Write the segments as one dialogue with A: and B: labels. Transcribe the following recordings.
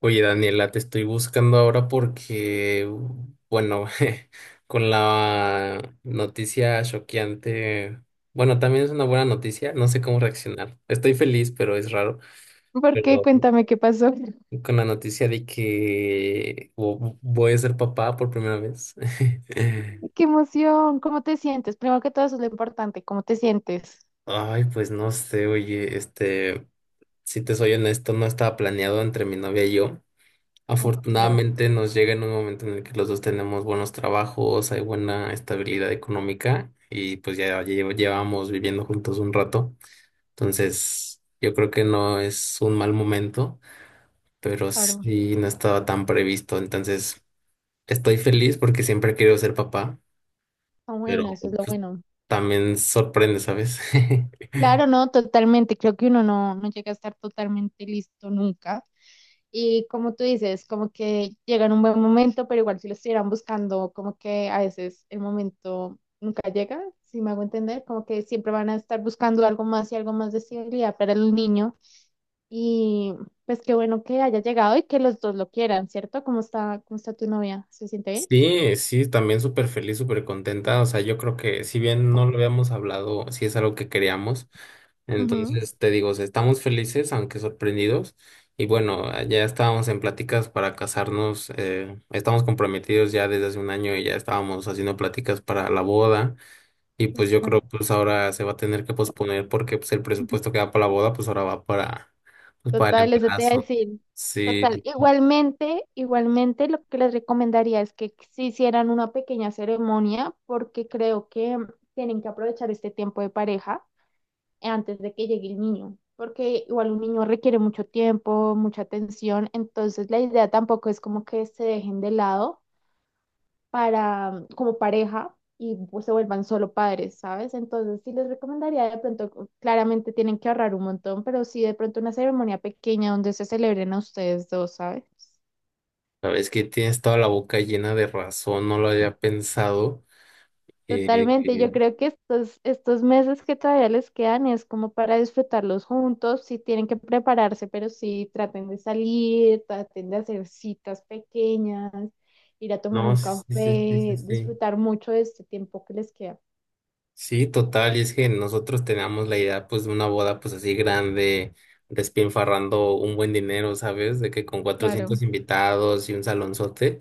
A: Oye, Daniela, te estoy buscando ahora porque, con la noticia choqueante, bueno, también es una buena noticia, no sé cómo reaccionar. Estoy feliz, pero es raro.
B: ¿Por qué?
A: Pero
B: Cuéntame qué pasó.
A: con la noticia de que voy a ser papá por primera vez.
B: ¡Qué emoción! ¿Cómo te sientes? Primero que todo, eso es lo importante. ¿Cómo te sientes?
A: Ay, pues no sé, oye, si te soy honesto, no estaba planeado entre mi novia y yo.
B: Uf, claro,
A: Afortunadamente nos llega en un momento en el que los dos tenemos buenos trabajos, hay buena estabilidad económica y pues ya llevamos viviendo juntos un rato. Entonces, yo creo que no es un mal momento, pero
B: claro.
A: sí no estaba tan previsto. Entonces, estoy feliz porque siempre he querido ser papá,
B: Está bueno,
A: pero
B: eso es lo
A: pues,
B: bueno.
A: también sorprende, ¿sabes?
B: Claro, no, totalmente. Creo que uno no llega a estar totalmente listo nunca. Y como tú dices, como que llega en un buen momento, pero igual si lo estuvieran buscando, como que a veces el momento nunca llega, si me hago entender, como que siempre van a estar buscando algo más y algo más de estabilidad para el niño. Y pues qué bueno que haya llegado y que los dos lo quieran, ¿cierto? Cómo está tu novia? ¿Se siente bien?
A: Sí, sí, también súper feliz, súper contenta. O sea, yo creo que si bien no lo habíamos hablado, sí es algo que queríamos.
B: Ujú,
A: Entonces, te digo, o sea, estamos felices, aunque sorprendidos. Y bueno, ya estábamos en pláticas para casarnos, estamos comprometidos ya desde hace un año y ya estábamos haciendo pláticas para la boda. Y
B: sí,
A: pues yo
B: claro.
A: creo, pues ahora se va a tener que posponer porque pues el presupuesto que va para la boda, pues ahora va para, pues, para el
B: Total, eso te iba a
A: embarazo.
B: decir. Total.
A: Sí, sí.
B: Igualmente, igualmente lo que les recomendaría es que se hicieran una pequeña ceremonia porque creo que tienen que aprovechar este tiempo de pareja antes de que llegue el niño, porque igual un niño requiere mucho tiempo, mucha atención, entonces la idea tampoco es como que se dejen de lado para como pareja y pues, se vuelvan solo padres, ¿sabes? Entonces sí les recomendaría de pronto, claramente tienen que ahorrar un montón, pero sí de pronto una ceremonia pequeña donde se celebren a ustedes dos, ¿sabes?
A: Sabes que tienes toda la boca llena de razón, no lo había pensado. Eh,
B: Totalmente,
A: eh,
B: yo creo que estos, estos meses que todavía les quedan es como para disfrutarlos juntos, sí tienen que prepararse, pero sí traten de salir, traten de hacer citas pequeñas, ir a tomar
A: no,
B: un
A: sí, sí, sí, sí, sí.
B: café,
A: Sí,
B: disfrutar mucho de este tiempo que les queda.
A: sí, total, y es que nosotros teníamos la idea pues de una boda pues así grande, despilfarrando un buen dinero, ¿sabes? De que con
B: Claro,
A: 400 invitados y un salonzote.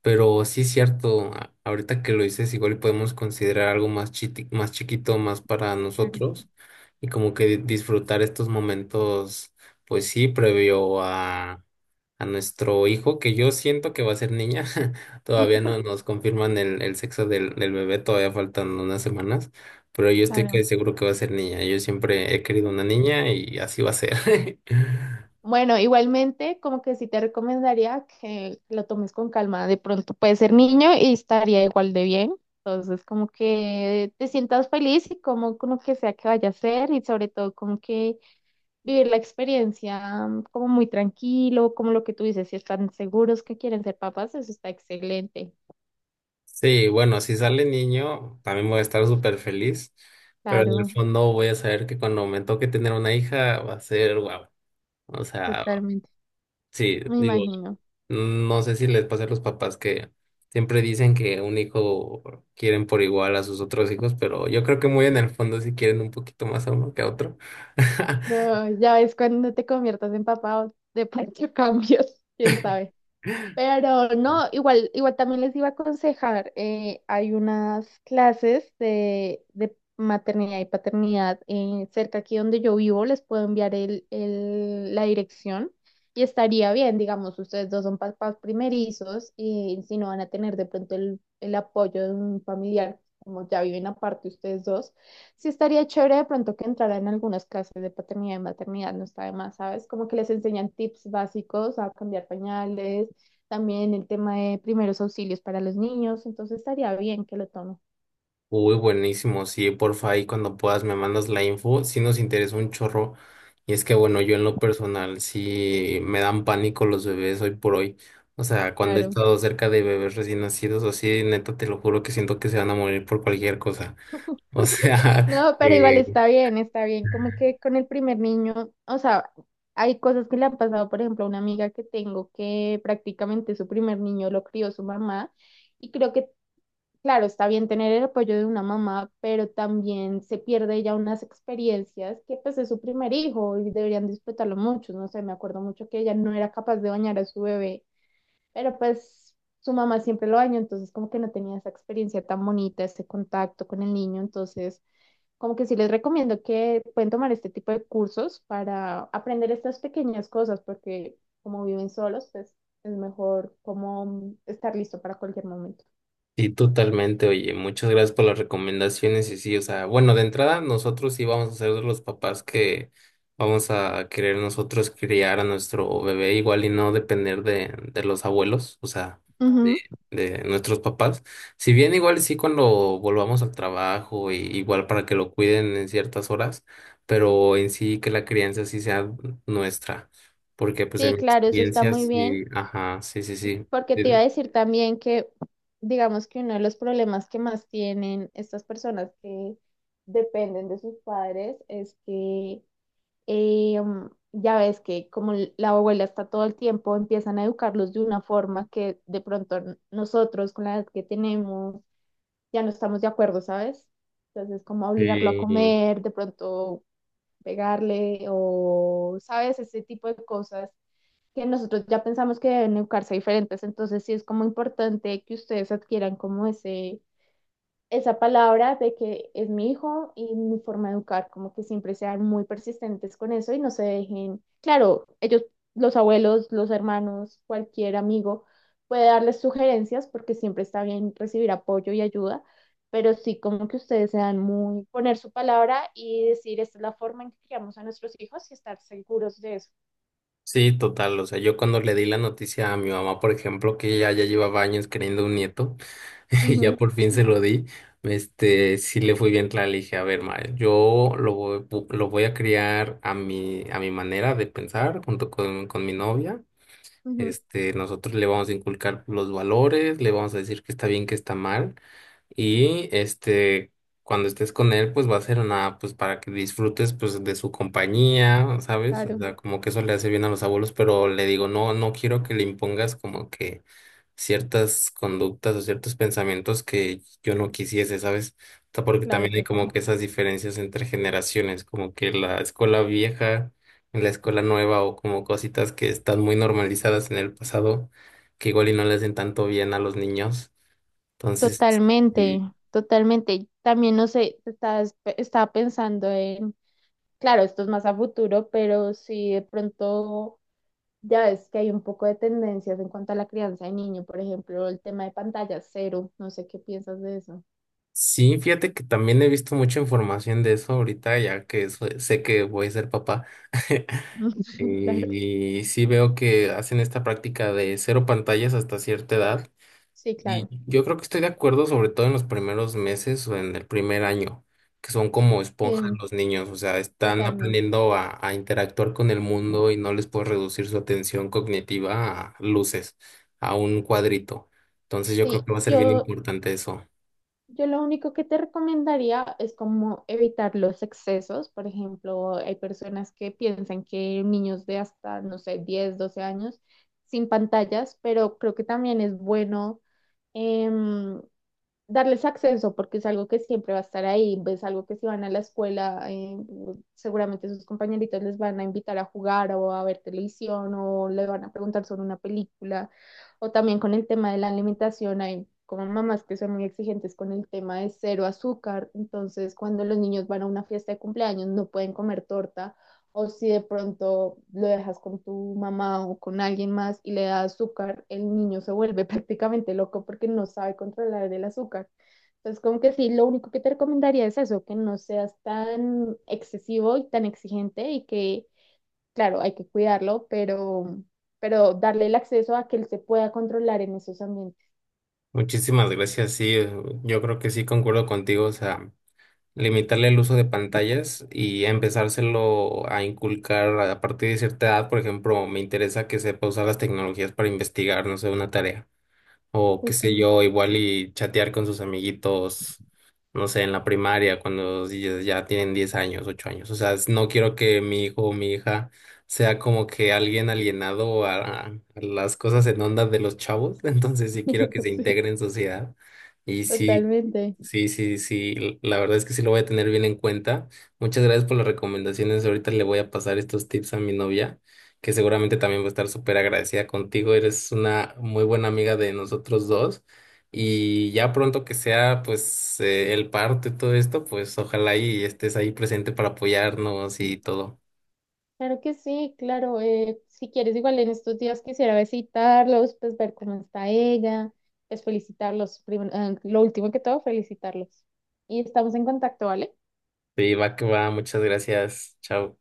A: Pero sí es cierto, ahorita que lo dices, igual y podemos considerar algo más más chiquito, más para
B: claro,
A: nosotros, y como que disfrutar estos momentos, pues sí, previo a nuestro hijo, que yo siento que va a ser niña, todavía no nos confirman el sexo del bebé, todavía faltan unas semanas, pero yo estoy que
B: claro.
A: seguro que va a ser niña, yo siempre he querido una niña y así va a ser.
B: Bueno, igualmente, como que sí te recomendaría que lo tomes con calma. De pronto puedes ser niño y estaría igual de bien. Entonces, como que te sientas feliz y como con lo que sea que vaya a ser y sobre todo como que vivir la experiencia como muy tranquilo, como lo que tú dices, si están seguros que quieren ser papás, eso está excelente.
A: Sí, bueno, si sale niño, también voy a estar súper feliz, pero en el
B: Claro,
A: fondo voy a saber que cuando me toque tener una hija va a ser guau. O sea,
B: totalmente.
A: sí,
B: Me
A: digo,
B: imagino.
A: no sé si les pasa a los papás que siempre dicen que un hijo quieren por igual a sus otros hijos, pero yo creo que muy en el fondo sí quieren un poquito más a uno que a otro.
B: No, ya ves cuando te conviertas en papá, o de pronto cambios, quién sabe. Pero no, igual, igual también les iba a aconsejar, hay unas clases de maternidad y paternidad cerca aquí donde yo vivo, les puedo enviar el, la dirección y estaría bien, digamos, ustedes dos son papás primerizos y si no van a tener de pronto el apoyo de un familiar, como ya viven aparte ustedes dos, sí estaría chévere de pronto que entraran en algunas clases de paternidad y maternidad, no está de más, ¿sabes? Como que les enseñan tips básicos a cambiar pañales también el tema de primeros auxilios para los niños, entonces estaría bien que lo tome.
A: Uy, buenísimo. Sí, porfa, ahí cuando puedas me mandas la info. Sí nos interesa un chorro. Y es que, bueno, yo en lo personal sí me dan pánico los bebés hoy por hoy. O sea, cuando he
B: Claro.
A: estado cerca de bebés recién nacidos, así, neta, te lo juro que siento que se van a morir por cualquier cosa. O sea,
B: No, pero igual está bien, está bien. Como que con el primer niño, o sea, hay cosas que le han pasado, por ejemplo, a una amiga que tengo que prácticamente su primer niño lo crió su mamá y creo que, claro, está bien tener el apoyo de una mamá, pero también se pierde ya unas experiencias que pues es su primer hijo y deberían disfrutarlo mucho. No sé, me acuerdo mucho que ella no era capaz de bañar a su bebé. Pero pues su mamá siempre lo dañó, entonces como que no tenía esa experiencia tan bonita, ese contacto con el niño, entonces como que sí les recomiendo que pueden tomar este tipo de cursos para aprender estas pequeñas cosas, porque como viven solos, pues es mejor como estar listo para cualquier momento.
A: sí, totalmente. Oye, muchas gracias por las recomendaciones. Y sí, o sea, bueno, de entrada, nosotros sí vamos a ser de los papás que vamos a querer nosotros criar a nuestro bebé igual y no depender de los abuelos, o sea,
B: Ujú.
A: de nuestros papás. Si bien igual sí cuando volvamos al trabajo, y igual para que lo cuiden en ciertas horas, pero en sí que la crianza sí sea nuestra. Porque pues en
B: Sí,
A: mi
B: claro, eso está
A: experiencia
B: muy bien,
A: sí, ajá, sí, sí, sí.
B: porque te iba a
A: Sí,
B: decir también que, digamos que uno de los problemas que más tienen estas personas que dependen de sus padres es que ya ves que como la abuela está todo el tiempo, empiezan a educarlos de una forma que de pronto nosotros con la edad que tenemos ya no estamos de acuerdo, ¿sabes? Entonces, como obligarlo a
A: sí.
B: comer, de pronto pegarle o, ¿sabes? Ese tipo de cosas que nosotros ya pensamos que deben educarse diferentes. Entonces, sí es como importante que ustedes adquieran como ese esa palabra de que es mi hijo y mi forma de educar, como que siempre sean muy persistentes con eso y no se dejen, claro, ellos, los abuelos, los hermanos, cualquier amigo puede darles sugerencias porque siempre está bien recibir apoyo y ayuda, pero sí como que ustedes sean muy, poner su palabra y decir, esta es la forma en que criamos a nuestros hijos y estar seguros de eso.
A: Sí, total. O sea, yo cuando le di la noticia a mi mamá, por ejemplo, que ella ya llevaba años queriendo un nieto, y ya
B: Ujú,
A: por fin se lo di, sí le fui bien clara, le dije, a ver, ma, lo voy a criar a mi manera de pensar, junto con mi novia.
B: ujú,
A: Este, nosotros le vamos a inculcar los valores, le vamos a decir que está bien, que está mal. Y este, cuando estés con él, pues va a ser una, pues para que disfrutes pues de su compañía, ¿sabes? O
B: claro,
A: sea, como que eso le hace bien a los abuelos, pero le digo, no, no quiero que le impongas como que ciertas conductas o ciertos pensamientos que yo no quisiese, ¿sabes? O sea, porque
B: claro,
A: también hay como
B: total.
A: que esas diferencias entre generaciones, como que la escuela vieja en la escuela nueva o como cositas que están muy normalizadas en el pasado, que igual y no le hacen tanto bien a los niños. Entonces,
B: Totalmente,
A: sí,
B: totalmente. También no sé, estás, estaba pensando en, claro, esto es más a futuro, pero si de pronto ya ves que hay un poco de tendencias en cuanto a la crianza de niño, por ejemplo, el tema de pantalla cero, no sé qué piensas de eso.
A: sí, fíjate que también he visto mucha información de eso ahorita, ya que sé que voy a ser papá.
B: Claro,
A: Y sí veo que hacen esta práctica de cero pantallas hasta cierta edad.
B: sí,
A: Y
B: claro,
A: yo creo que estoy de acuerdo, sobre todo en los primeros meses o en el primer año, que son como esponjas
B: sí,
A: los niños, o sea, están
B: totalmente.
A: aprendiendo a interactuar con el mundo y no les puedes reducir su atención cognitiva a luces, a un cuadrito. Entonces yo creo
B: Sí,
A: que va a ser bien
B: yo
A: importante eso.
B: Yo lo único que te recomendaría es como evitar los excesos. Por ejemplo, hay personas que piensan que niños de hasta, no sé, 10 12 años sin pantallas, pero creo que también es bueno. em, Darles acceso porque es algo que siempre va a estar ahí, es algo que si van a la escuela, seguramente sus compañeritos les van a invitar a jugar o a ver televisión o le van a preguntar sobre una película o también con el tema de la alimentación hay como mamás que son muy exigentes con el tema de cero azúcar, entonces cuando los niños van a una fiesta de cumpleaños no pueden comer torta o si de pronto lo dejas con tu mamá o con alguien más y le das azúcar, el niño se vuelve prácticamente loco porque no sabe controlar el azúcar. Entonces, como que sí, lo único que te recomendaría es eso, que no seas tan excesivo y tan exigente y que, claro, hay que cuidarlo, pero darle el acceso a que él se pueda controlar en esos ambientes.
A: Muchísimas gracias, sí, yo creo que sí concuerdo contigo, o sea. Limitarle el uso de pantallas y empezárselo a inculcar a partir de cierta edad. Por ejemplo, me interesa que sepa usar las tecnologías para investigar, no sé, una tarea. O qué sé
B: Justamente.
A: yo, igual y chatear con sus amiguitos, no sé, en la primaria, cuando ellos ya tienen 10 años, 8 años. O sea, no quiero que mi hijo o mi hija sea como que alguien alienado a las cosas en onda de los chavos. Entonces sí quiero que se
B: Sí,
A: integre en sociedad. Y sí,
B: totalmente.
A: sí, sí, sí, la verdad es que sí lo voy a tener bien en cuenta. Muchas gracias por las recomendaciones. Ahorita le voy a pasar estos tips a mi novia que seguramente también va a estar súper agradecida contigo. Eres una muy buena amiga de nosotros dos. Y ya pronto que sea, pues, el parte todo esto, pues ojalá y estés ahí presente para apoyarnos y todo.
B: Claro que sí, claro. Si quieres, igual en estos días quisiera visitarlos, pues ver cómo está ella, pues felicitarlos, lo último que todo, felicitarlos. Y estamos en contacto, ¿vale?
A: Sí, va que va. Muchas gracias. Chao.